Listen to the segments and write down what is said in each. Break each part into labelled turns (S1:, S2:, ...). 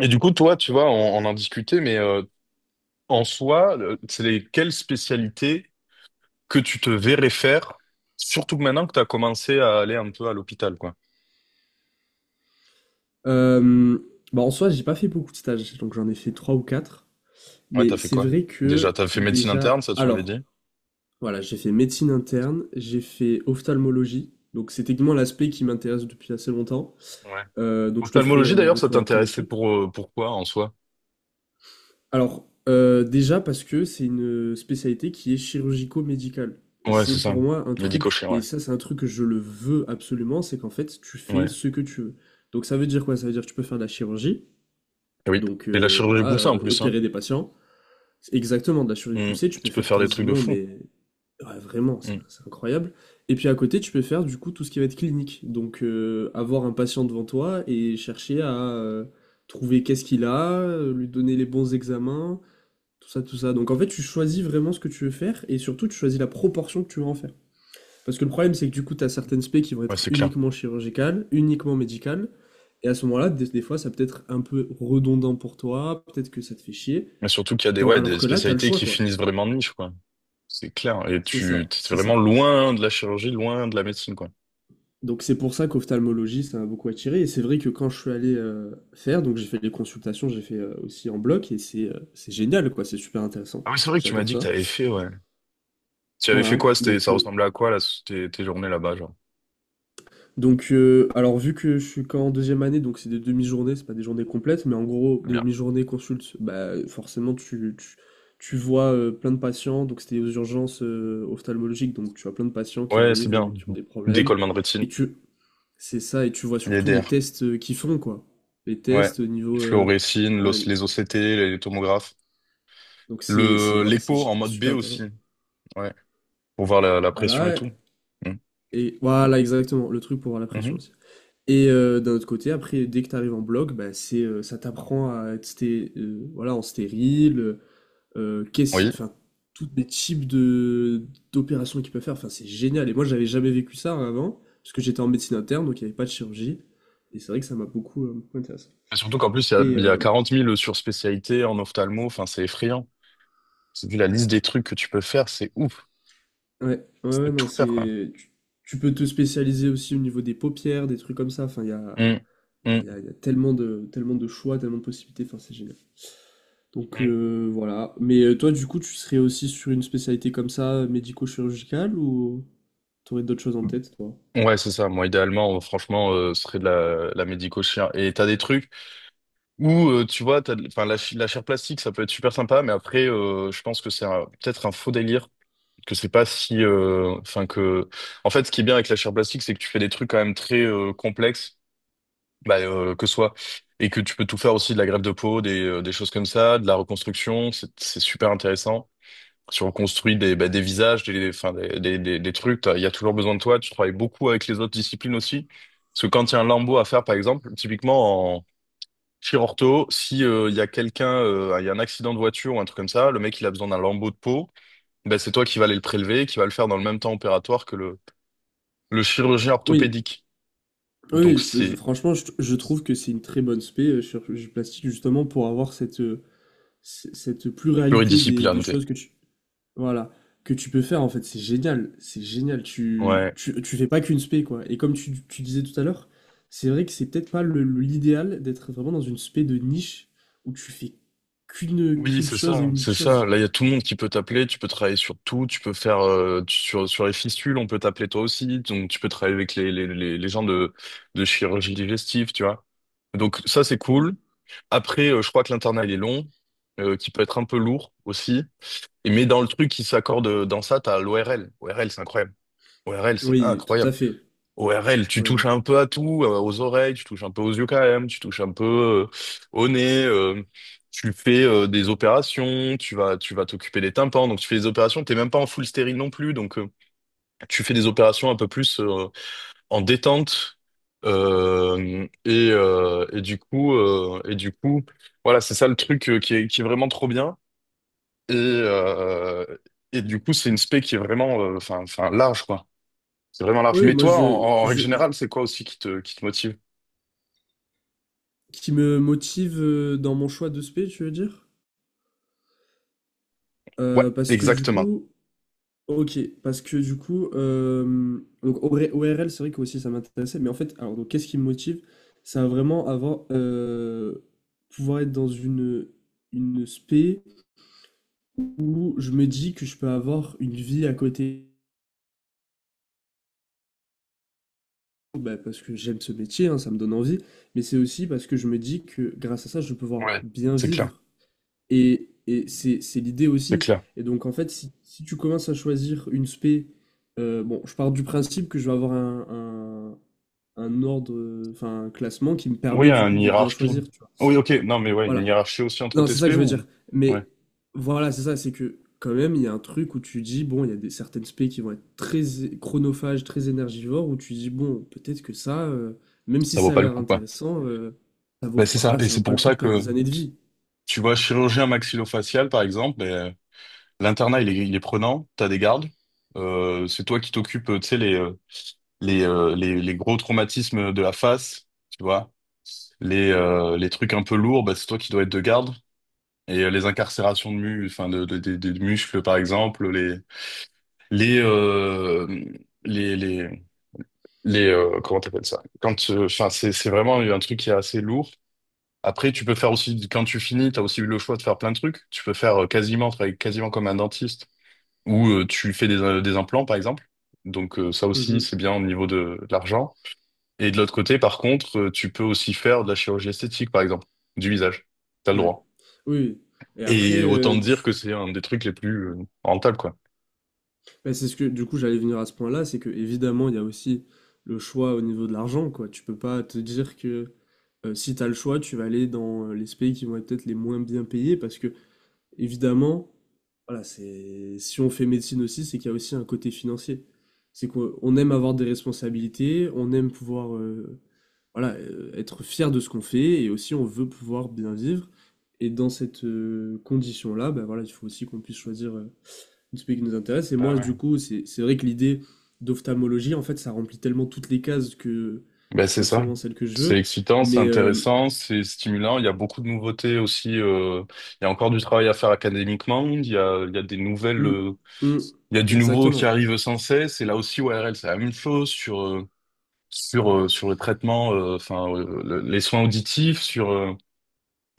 S1: Et du coup, toi, tu vois, on en discutait, mais en soi, c'est les quelles spécialités que tu te verrais faire, surtout que maintenant que tu as commencé à aller un peu à l'hôpital, quoi.
S2: Euh, bah en soi, j'ai pas fait beaucoup de stages, donc j'en ai fait trois ou quatre.
S1: Ouais, t'as
S2: Mais
S1: fait
S2: c'est
S1: quoi?
S2: vrai
S1: Déjà,
S2: que
S1: t'as fait médecine interne,
S2: déjà,
S1: ça, tu m'avais
S2: alors,
S1: dit.
S2: voilà, j'ai fait médecine interne, j'ai fait ophtalmologie, donc c'est techniquement l'aspect qui m'intéresse depuis assez longtemps.
S1: Ouais.
S2: Donc je te ferai
S1: Ophtalmologie,
S2: mon
S1: d'ailleurs, ça
S2: retour après
S1: t'intéressait
S2: dessus.
S1: pour pourquoi en soi?
S2: Alors, déjà parce que c'est une spécialité qui est chirurgico-médicale. Et
S1: Ouais,
S2: c'est
S1: c'est ça.
S2: pour moi un truc, et
S1: Médico-chirurgien,
S2: ça c'est un truc que je le veux absolument, c'est qu'en fait tu
S1: ouais.
S2: fais
S1: Ouais.
S2: ce que tu veux. Donc ça veut dire quoi? Ça veut dire que tu peux faire de la chirurgie.
S1: Et oui. Et la chirurgie
S2: Voilà,
S1: Boussin en
S2: et
S1: plus, hein.
S2: opérer des patients. C'est exactement, de la chirurgie
S1: Mm.
S2: poussée, tu peux
S1: Tu peux
S2: faire
S1: faire des trucs de
S2: quasiment,
S1: fou.
S2: mais ouais, vraiment, c'est
S1: Mm.
S2: c'est incroyable. Et puis à côté, tu peux faire du coup tout ce qui va être clinique. Avoir un patient devant toi et chercher à trouver qu'est-ce qu'il a, lui donner les bons examens, tout ça, tout ça. Donc en fait, tu choisis vraiment ce que tu veux faire et surtout, tu choisis la proportion que tu veux en faire. Parce que le problème, c'est que du coup, tu as certaines spé qui vont
S1: Ouais,
S2: être
S1: c'est clair.
S2: uniquement chirurgicales, uniquement médicales. Et à ce moment-là, des fois, ça peut être un peu redondant pour toi, peut-être que ça te fait chier.
S1: Mais surtout qu'il y a des, ouais,
S2: Alors
S1: des
S2: que là, tu as le
S1: spécialités
S2: choix,
S1: qui
S2: quoi.
S1: finissent vraiment de niche, quoi. C'est clair. Et
S2: C'est ça,
S1: t'es
S2: c'est
S1: vraiment
S2: ça.
S1: loin de la chirurgie, loin de la médecine, quoi.
S2: Donc c'est pour ça qu'ophtalmologie, ça m'a beaucoup attiré. Et c'est vrai que quand je suis allé faire, donc j'ai fait des consultations, j'ai fait aussi en bloc, et c'est génial, quoi. C'est super intéressant.
S1: Ah oui, c'est vrai que tu m'as
S2: J'adore
S1: dit que
S2: ça.
S1: t'avais fait, ouais. Tu avais fait
S2: Voilà.
S1: quoi? C'était, ça ressemblait à quoi, là, tes journées là-bas, genre?
S2: Alors vu que je suis qu'en deuxième année, donc c'est des demi-journées, c'est pas des journées complètes, mais en gros,
S1: Bien.
S2: demi-journée consulte, bah forcément tu vois plein de patients, donc c'était aux urgences ophtalmologiques, donc tu as plein de patients qui
S1: Ouais, c'est
S2: arrivent,
S1: bien.
S2: qui ont des
S1: Des
S2: problèmes,
S1: colmans de rétine.
S2: et tu, c'est ça, et tu vois
S1: Les
S2: surtout les
S1: DR.
S2: tests qu'ils font, quoi. Les
S1: Ouais.
S2: tests au niveau,
S1: Fluorescine,
S2: voilà,
S1: les OCT, les tomographes.
S2: voilà, c'est
S1: L'écho en mode B
S2: super
S1: aussi.
S2: intéressant.
S1: Ouais. Pour voir la pression et
S2: Voilà,
S1: tout. Mm.
S2: et voilà, exactement, le truc pour avoir la pression
S1: Mhm.
S2: aussi. Et d'un autre côté, après, dès que tu arrives en bloc, bah, ça t'apprend à être sté voilà, en stérile, qu'est-ce
S1: Oui.
S2: enfin, tous les types de d'opérations qu'ils peuvent faire, enfin, c'est génial et moi, j'avais jamais vécu ça avant, parce que j'étais en médecine interne, donc il y avait pas de chirurgie et c'est vrai que ça m'a beaucoup, beaucoup intéressé
S1: Et surtout qu'en plus,
S2: et
S1: il y a
S2: heu,
S1: 40 000 sur-spécialités en ophtalmo. Enfin, c'est effrayant. Vu la liste des trucs que tu peux faire, c'est ouf.
S2: ouais, ouais,
S1: Tu peux
S2: ouais, non,
S1: tout faire, quoi.
S2: c'est tu tu peux te spécialiser aussi au niveau des paupières, des trucs comme ça, enfin,
S1: Mm, mm,
S2: il y a tellement de choix, tellement de possibilités, enfin, c'est génial.
S1: mm.
S2: Voilà. Toi, du coup, tu serais aussi sur une spécialité comme ça, médico-chirurgicale, ou t'aurais d'autres choses en tête, toi?
S1: Ouais, c'est ça. Moi, idéalement, franchement, ce serait de la médico-chir. Et t'as des trucs où, tu vois, enfin, la chair plastique, ça peut être super sympa, mais après, je pense que peut-être un faux délire, que c'est pas si, enfin, que, en fait, ce qui est bien avec la chair plastique, c'est que tu fais des trucs quand même très complexes, bah, que ce soit, et que tu peux tout faire aussi de la greffe de peau, des choses comme ça, de la reconstruction, c'est super intéressant. Tu reconstruis des, bah, des visages, des, enfin, des trucs. Il y a toujours besoin de toi. Tu travailles beaucoup avec les autres disciplines aussi. Parce que quand il y a un lambeau à faire, par exemple, typiquement en chirurto, si il y a quelqu'un, il y a un accident de voiture ou un truc comme ça, le mec il a besoin d'un lambeau de peau, ben c'est toi qui vas aller le prélever, et qui va le faire dans le même temps opératoire que le chirurgien
S2: Oui,
S1: orthopédique.
S2: oui,
S1: Donc
S2: oui,
S1: c'est
S2: franchement, je trouve que c'est une très bonne spé, chirurgie plastique, justement, pour avoir cette, cette pluralité des
S1: pluridisciplinaire.
S2: choses que tu, voilà, que tu peux faire, en fait. C'est génial, c'est génial.
S1: Ouais.
S2: Tu fais pas qu'une spé, quoi. Et comme tu disais tout à l'heure, c'est vrai que c'est peut-être pas l'idéal d'être vraiment dans une spé de niche où tu fais
S1: Oui,
S2: qu'une chose et unique
S1: c'est ça.
S2: chose.
S1: Là, il y a tout le monde qui peut t'appeler, tu peux travailler sur tout, tu peux faire sur les fistules, on peut t'appeler toi aussi, donc tu peux travailler avec les gens de chirurgie digestive, tu vois. Donc ça c'est cool. Après, je crois que l'internat il est long, qui peut être un peu lourd aussi. Et mais dans le truc qui s'accorde dans ça, t'as l'ORL. ORL, c'est incroyable. ORL, c'est
S2: Oui, tout à
S1: incroyable.
S2: fait.
S1: ORL, tu
S2: Ouais.
S1: touches un peu à tout, aux oreilles, tu touches un peu aux yeux quand même, tu touches un peu euh, au nez, tu fais des opérations, tu vas t'occuper des tympans, donc tu fais des opérations, t'es même pas en full stérile non plus, donc tu fais des opérations un peu plus en détente. Et du coup, voilà, c'est ça le truc qui est vraiment trop bien. Et, euh, et du coup, c'est une spé qui est vraiment, enfin, large, quoi. C'est vraiment large.
S2: Oui, oui,
S1: Mais
S2: moi
S1: toi, en, en règle générale, c'est quoi aussi qui qui te motive?
S2: qui me motive dans mon choix de spé, tu veux dire?
S1: Ouais,
S2: Parce que du
S1: exactement.
S2: coup, Ok, parce que du coup, donc O R O R L, c'est vrai que aussi ça m'intéressait, mais en fait, alors donc qu'est-ce qui me motive? Ça va vraiment avoir pouvoir être dans une spé où je me dis que je peux avoir une vie à côté. Bah, parce que j'aime ce métier, hein, ça me donne envie, mais c'est aussi parce que je me dis que grâce à ça, je peux pouvoir
S1: Ouais.
S2: bien
S1: C'est clair.
S2: vivre. Et c'est l'idée
S1: C'est
S2: aussi.
S1: clair.
S2: Et donc, en fait, si tu commences à choisir une spé, bon, je pars du principe que je vais avoir un ordre, enfin, un classement qui me
S1: Oui,
S2: permet du
S1: une
S2: coup de bien
S1: hiérarchie.
S2: choisir, tu vois.
S1: Oui, ok. Non, mais ouais, une
S2: Voilà.
S1: hiérarchie aussi entre tes
S2: Non, c'est ça que
S1: TSP
S2: je veux
S1: ou?
S2: dire.
S1: Ouais,
S2: Mais voilà, c'est ça, c'est que quand même, il y a un truc où tu dis, bon, il y a certaines spé qui vont être chronophages, très énergivores, où tu dis, bon, peut-être que ça, même si
S1: ça vaut
S2: ça a
S1: pas le
S2: l'air
S1: coup, quoi.
S2: intéressant, ça vaut,
S1: Ben, c'est ça.
S2: voilà,
S1: Et
S2: ça vaut
S1: c'est
S2: pas le
S1: pour
S2: coup
S1: ça
S2: de perdre
S1: que
S2: des années de vie.
S1: tu vois, chirurgien maxillofacial, par exemple, ben, l'internat, il est prenant. T'as des gardes. C'est toi qui t'occupes, tu sais, les gros traumatismes de la face, tu vois. Les trucs un peu lourds, ben, c'est toi qui dois être de garde. Et les incarcérations de, mu enfin de muscles, par exemple, les, euh, les, les, les comment t'appelles ça? Quand, enfin, c'est vraiment un truc qui est assez lourd. Après, tu peux faire aussi, quand tu finis, t'as aussi eu le choix de faire plein de trucs. Tu peux faire quasiment, travailler quasiment comme un dentiste, ou tu fais des implants, par exemple. Donc, ça aussi, c'est bien au niveau de l'argent. Et de l'autre côté, par contre, tu peux aussi faire de la chirurgie esthétique, par exemple, du visage. T'as le
S2: Ouais.
S1: droit.
S2: Oui. Oui. Et
S1: Et
S2: après,
S1: autant dire que c'est un des trucs les plus rentables, quoi.
S2: bah, c'est ce que du coup j'allais venir à ce point-là, c'est que évidemment il y a aussi le choix au niveau de l'argent, quoi. Tu peux pas te dire que si tu as le choix, tu vas aller dans les pays qui vont être peut-être les moins bien payés, parce que évidemment, voilà, c'est si on fait médecine aussi, c'est qu'il y a aussi un côté financier. C'est qu'on on aime avoir des responsabilités, on aime pouvoir voilà, être fier de ce qu'on fait, et aussi on veut pouvoir bien vivre. Et dans cette condition-là, ben voilà, il faut aussi qu'on puisse choisir de celui qui nous intéresse. Et
S1: Bah
S2: moi,
S1: ouais.
S2: du coup, c'est vrai que l'idée d'ophtalmologie, en fait, ça remplit tellement toutes les cases que
S1: Ben, c'est
S2: c'est
S1: ça.
S2: absolument celle que je
S1: C'est
S2: veux.
S1: excitant, c'est
S2: Mais euh,
S1: intéressant, c'est stimulant. Il y a beaucoup de nouveautés aussi. Il y a encore du travail à faire académiquement. Il y a des nouvelles,
S2: hum, hum,
S1: il y a du nouveau qui
S2: exactement.
S1: arrive sans cesse. Et là aussi, ORL, c'est la même chose sur sur le traitement, les soins auditifs, sur.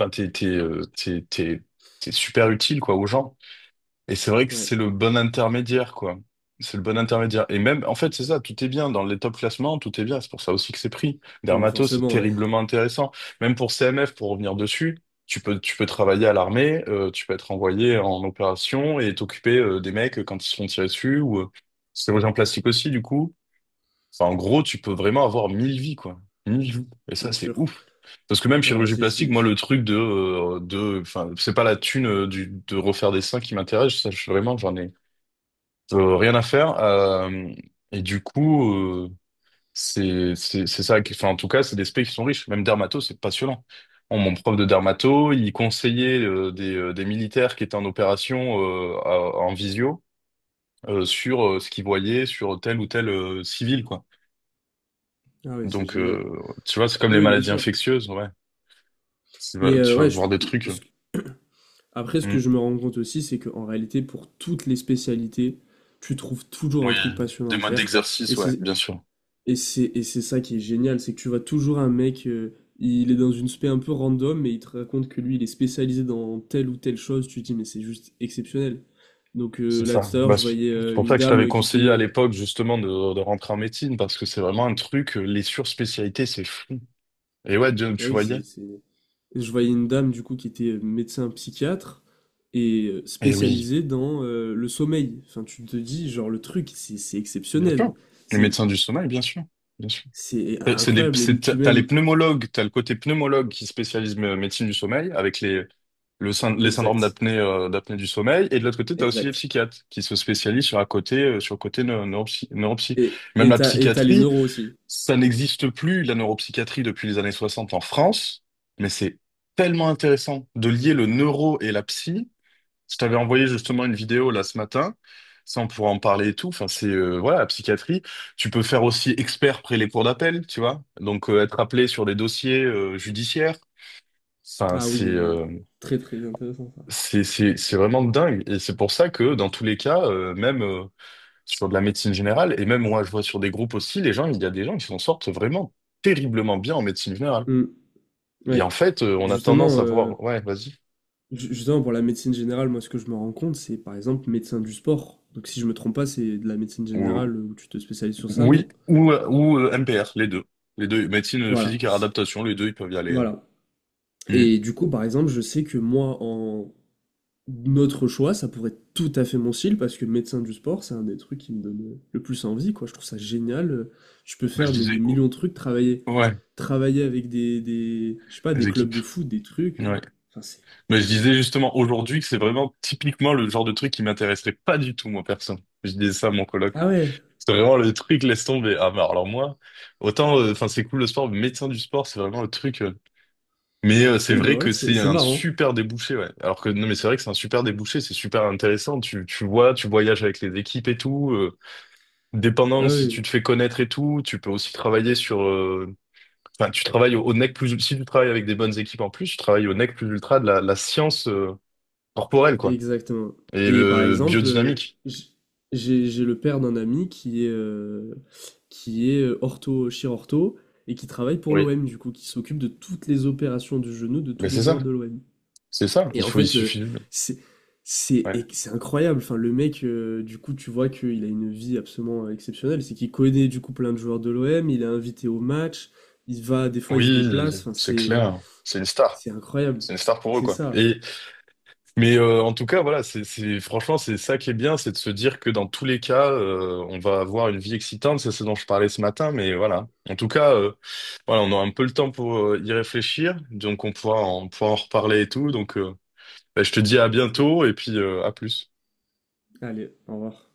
S1: Enfin, t'es super utile quoi aux gens. Et c'est vrai que
S2: Ouais.
S1: c'est le bon intermédiaire, quoi. C'est le bon intermédiaire. Et même, en fait, c'est ça, tout est bien. Dans les top classements, tout est bien. C'est pour ça aussi que c'est pris.
S2: Oui,
S1: Dermato, c'est
S2: forcément, ouais.
S1: terriblement intéressant. Même pour CMF, pour revenir dessus, tu peux travailler à l'armée, tu peux être envoyé en opération et t'occuper des mecs quand ils se font tirer dessus, ou chirurgien plastique aussi, du coup. Enfin, en gros, tu peux vraiment avoir mille vies, quoi. Mille vies. Et ça,
S2: Bien
S1: c'est
S2: sûr.
S1: ouf. Parce que même
S2: Voilà,
S1: chirurgie plastique, moi, le truc enfin, c'est pas la thune de refaire des seins qui m'intéresse. Ça, vraiment, j'en ai rien à faire. Et du coup, euh, c'est, c'est ça. Enfin, en tout cas, c'est des specs qui sont riches. Même dermato, c'est passionnant. Bon, mon prof de dermato, il conseillait des militaires qui étaient en opération en visio sur ce qu'ils voyaient sur tel ou tel civil, quoi.
S2: ah oui, c'est
S1: Donc,
S2: génial.
S1: tu vois, c'est comme les
S2: Oui, bien
S1: maladies
S2: sûr.
S1: infectieuses, ouais.
S2: Mais euh,
S1: Tu vas
S2: ouais, je-
S1: voir des
S2: euh,
S1: trucs.
S2: ce que- Après, ce que
S1: Mm.
S2: je me rends compte aussi, c'est qu'en réalité, pour toutes les spécialités, tu trouves toujours
S1: Oui,
S2: un truc passionnant
S1: des
S2: à
S1: modes
S2: faire. Et
S1: d'exercice, ouais,
S2: c'est
S1: bien sûr.
S2: Et c'est ça qui est génial, c'est que tu vois toujours un mec, il est dans une spé un peu random, mais il te raconte que lui, il est spécialisé dans telle ou telle chose. Tu te dis, mais c'est juste exceptionnel.
S1: C'est
S2: Là,
S1: ça.
S2: tout à l'heure,
S1: Bah,
S2: je
S1: c'est
S2: voyais
S1: c'est pour
S2: une
S1: ça que je t'avais
S2: dame qui
S1: conseillé à l'époque, justement, de rentrer en médecine, parce que c'est vraiment un truc, les surspécialités, c'est fou. Et ouais, Dieu,
S2: Ah
S1: tu
S2: oui,
S1: voyais?
S2: je voyais une dame, du coup, qui était médecin psychiatre et
S1: Eh oui,
S2: spécialisée dans le sommeil. Enfin, tu te dis, genre, le truc, c'est
S1: bien
S2: exceptionnel.
S1: sûr. Les
S2: C'est
S1: médecins du sommeil, bien sûr. Bien sûr.
S2: c'est
S1: C'est les,
S2: incroyable. Et
S1: t'as
S2: puis
S1: les
S2: même...
S1: pneumologues, t'as le côté pneumologue qui spécialise médecine du sommeil avec les, les syndromes
S2: Exact.
S1: d'apnée d'apnée du sommeil. Et de l'autre côté, t'as aussi les
S2: Exact.
S1: psychiatres qui se spécialisent sur, à côté, sur le côté neuropsy.
S2: Et
S1: Même la
S2: t'as les
S1: psychiatrie,
S2: neuros aussi.
S1: ça n'existe plus, la neuropsychiatrie, depuis les années 60 en France. Mais c'est tellement intéressant de lier le neuro et la psy. Je t'avais envoyé justement une vidéo là ce matin. Ça, on pourra en parler et tout. Enfin, c'est voilà, la psychiatrie. Tu peux faire aussi expert près les cours d'appel, tu vois. Donc être appelé sur des dossiers judiciaires. Enfin,
S2: Ah oui, ouais. Très très intéressant ça.
S1: c'est vraiment dingue. Et c'est pour ça que dans tous les cas, même sur de la médecine générale et même moi, je vois sur des groupes aussi, il y a des gens qui s'en sortent vraiment terriblement bien en médecine générale.
S2: Mm,
S1: Et en
S2: ouais.
S1: fait,
S2: Et
S1: on a tendance
S2: justement,
S1: à voir. Ouais, vas-y.
S2: justement, pour la médecine générale, moi ce que je me rends compte, c'est par exemple médecin du sport. Donc si je me trompe pas, c'est de la médecine générale où tu te spécialises sur ça,
S1: Oui,
S2: non?
S1: ou, MPR, les deux. Les deux, médecine
S2: Voilà.
S1: physique et réadaptation, les deux, ils peuvent y aller.
S2: Voilà.
S1: Hmm.
S2: Et du coup, par exemple, je sais que moi, notre choix, ça pourrait être tout à fait mon style, parce que médecin du sport, c'est un des trucs qui me donne le plus envie, quoi. Je trouve ça génial. Je peux
S1: Bah, je
S2: faire mais, des
S1: disais,
S2: millions
S1: oh,
S2: de trucs, travailler,
S1: ouais,
S2: travailler avec je sais pas,
S1: les
S2: des clubs
S1: équipes.
S2: de foot, des trucs.
S1: Ouais.
S2: Enfin, c'est,
S1: Mais je
S2: c'est
S1: disais
S2: c'est
S1: justement
S2: incroyable.
S1: aujourd'hui que c'est vraiment typiquement le genre de truc qui m'intéresserait pas du tout, moi, perso. Je disais ça à mon coloc.
S2: Ah ouais,
S1: C'est vraiment le truc, laisse tomber. Ah, bah, alors moi, autant, enfin, c'est cool le sport, mais médecin du sport, c'est vraiment le truc. Mais c'est
S2: ah, ben
S1: vrai
S2: voilà,
S1: que
S2: c'est
S1: c'est
S2: c'est
S1: un
S2: marrant.
S1: super débouché, ouais. Alors que, non, mais c'est vrai que c'est un super débouché, c'est super intéressant. Tu vois, tu voyages avec les équipes et tout.
S2: Ah
S1: Dépendant si tu
S2: oui.
S1: te fais connaître et tout, tu peux aussi travailler sur. Enfin, tu travailles au nec plus. Si tu travailles avec des bonnes équipes en plus, tu travailles au nec plus ultra de la science corporelle, quoi.
S2: Exactement.
S1: Et
S2: Et par exemple,
S1: biodynamique.
S2: j'ai le père d'un ami qui est ortho, chirurgien et qui travaille pour
S1: Oui.
S2: l'OM, du coup, qui s'occupe de toutes les opérations du genou de
S1: Mais
S2: tous les
S1: c'est ça.
S2: joueurs de l'OM.
S1: C'est ça.
S2: Et
S1: Il
S2: en
S1: faut, il
S2: fait,
S1: suffit.
S2: c'est,
S1: Ouais.
S2: et c'est incroyable. Enfin, le mec, du coup, tu vois qu'il a une vie absolument exceptionnelle. C'est qu'il connaît, du coup, plein de joueurs de l'OM, il est invité au match, il va, des fois, il se
S1: Oui,
S2: déplace. Enfin,
S1: c'est clair. C'est une star.
S2: c'est incroyable.
S1: C'est une star pour eux,
S2: C'est
S1: quoi.
S2: ça.
S1: Et mais en tout cas, voilà, franchement, c'est ça qui est bien, c'est de se dire que dans tous les cas, on va avoir une vie excitante, c'est ce dont je parlais ce matin, mais voilà. En tout cas, voilà, on aura un peu le temps pour y réfléchir, donc on pourra en reparler et tout. Donc, bah, je te dis à bientôt et puis à plus.
S2: Allez, au revoir.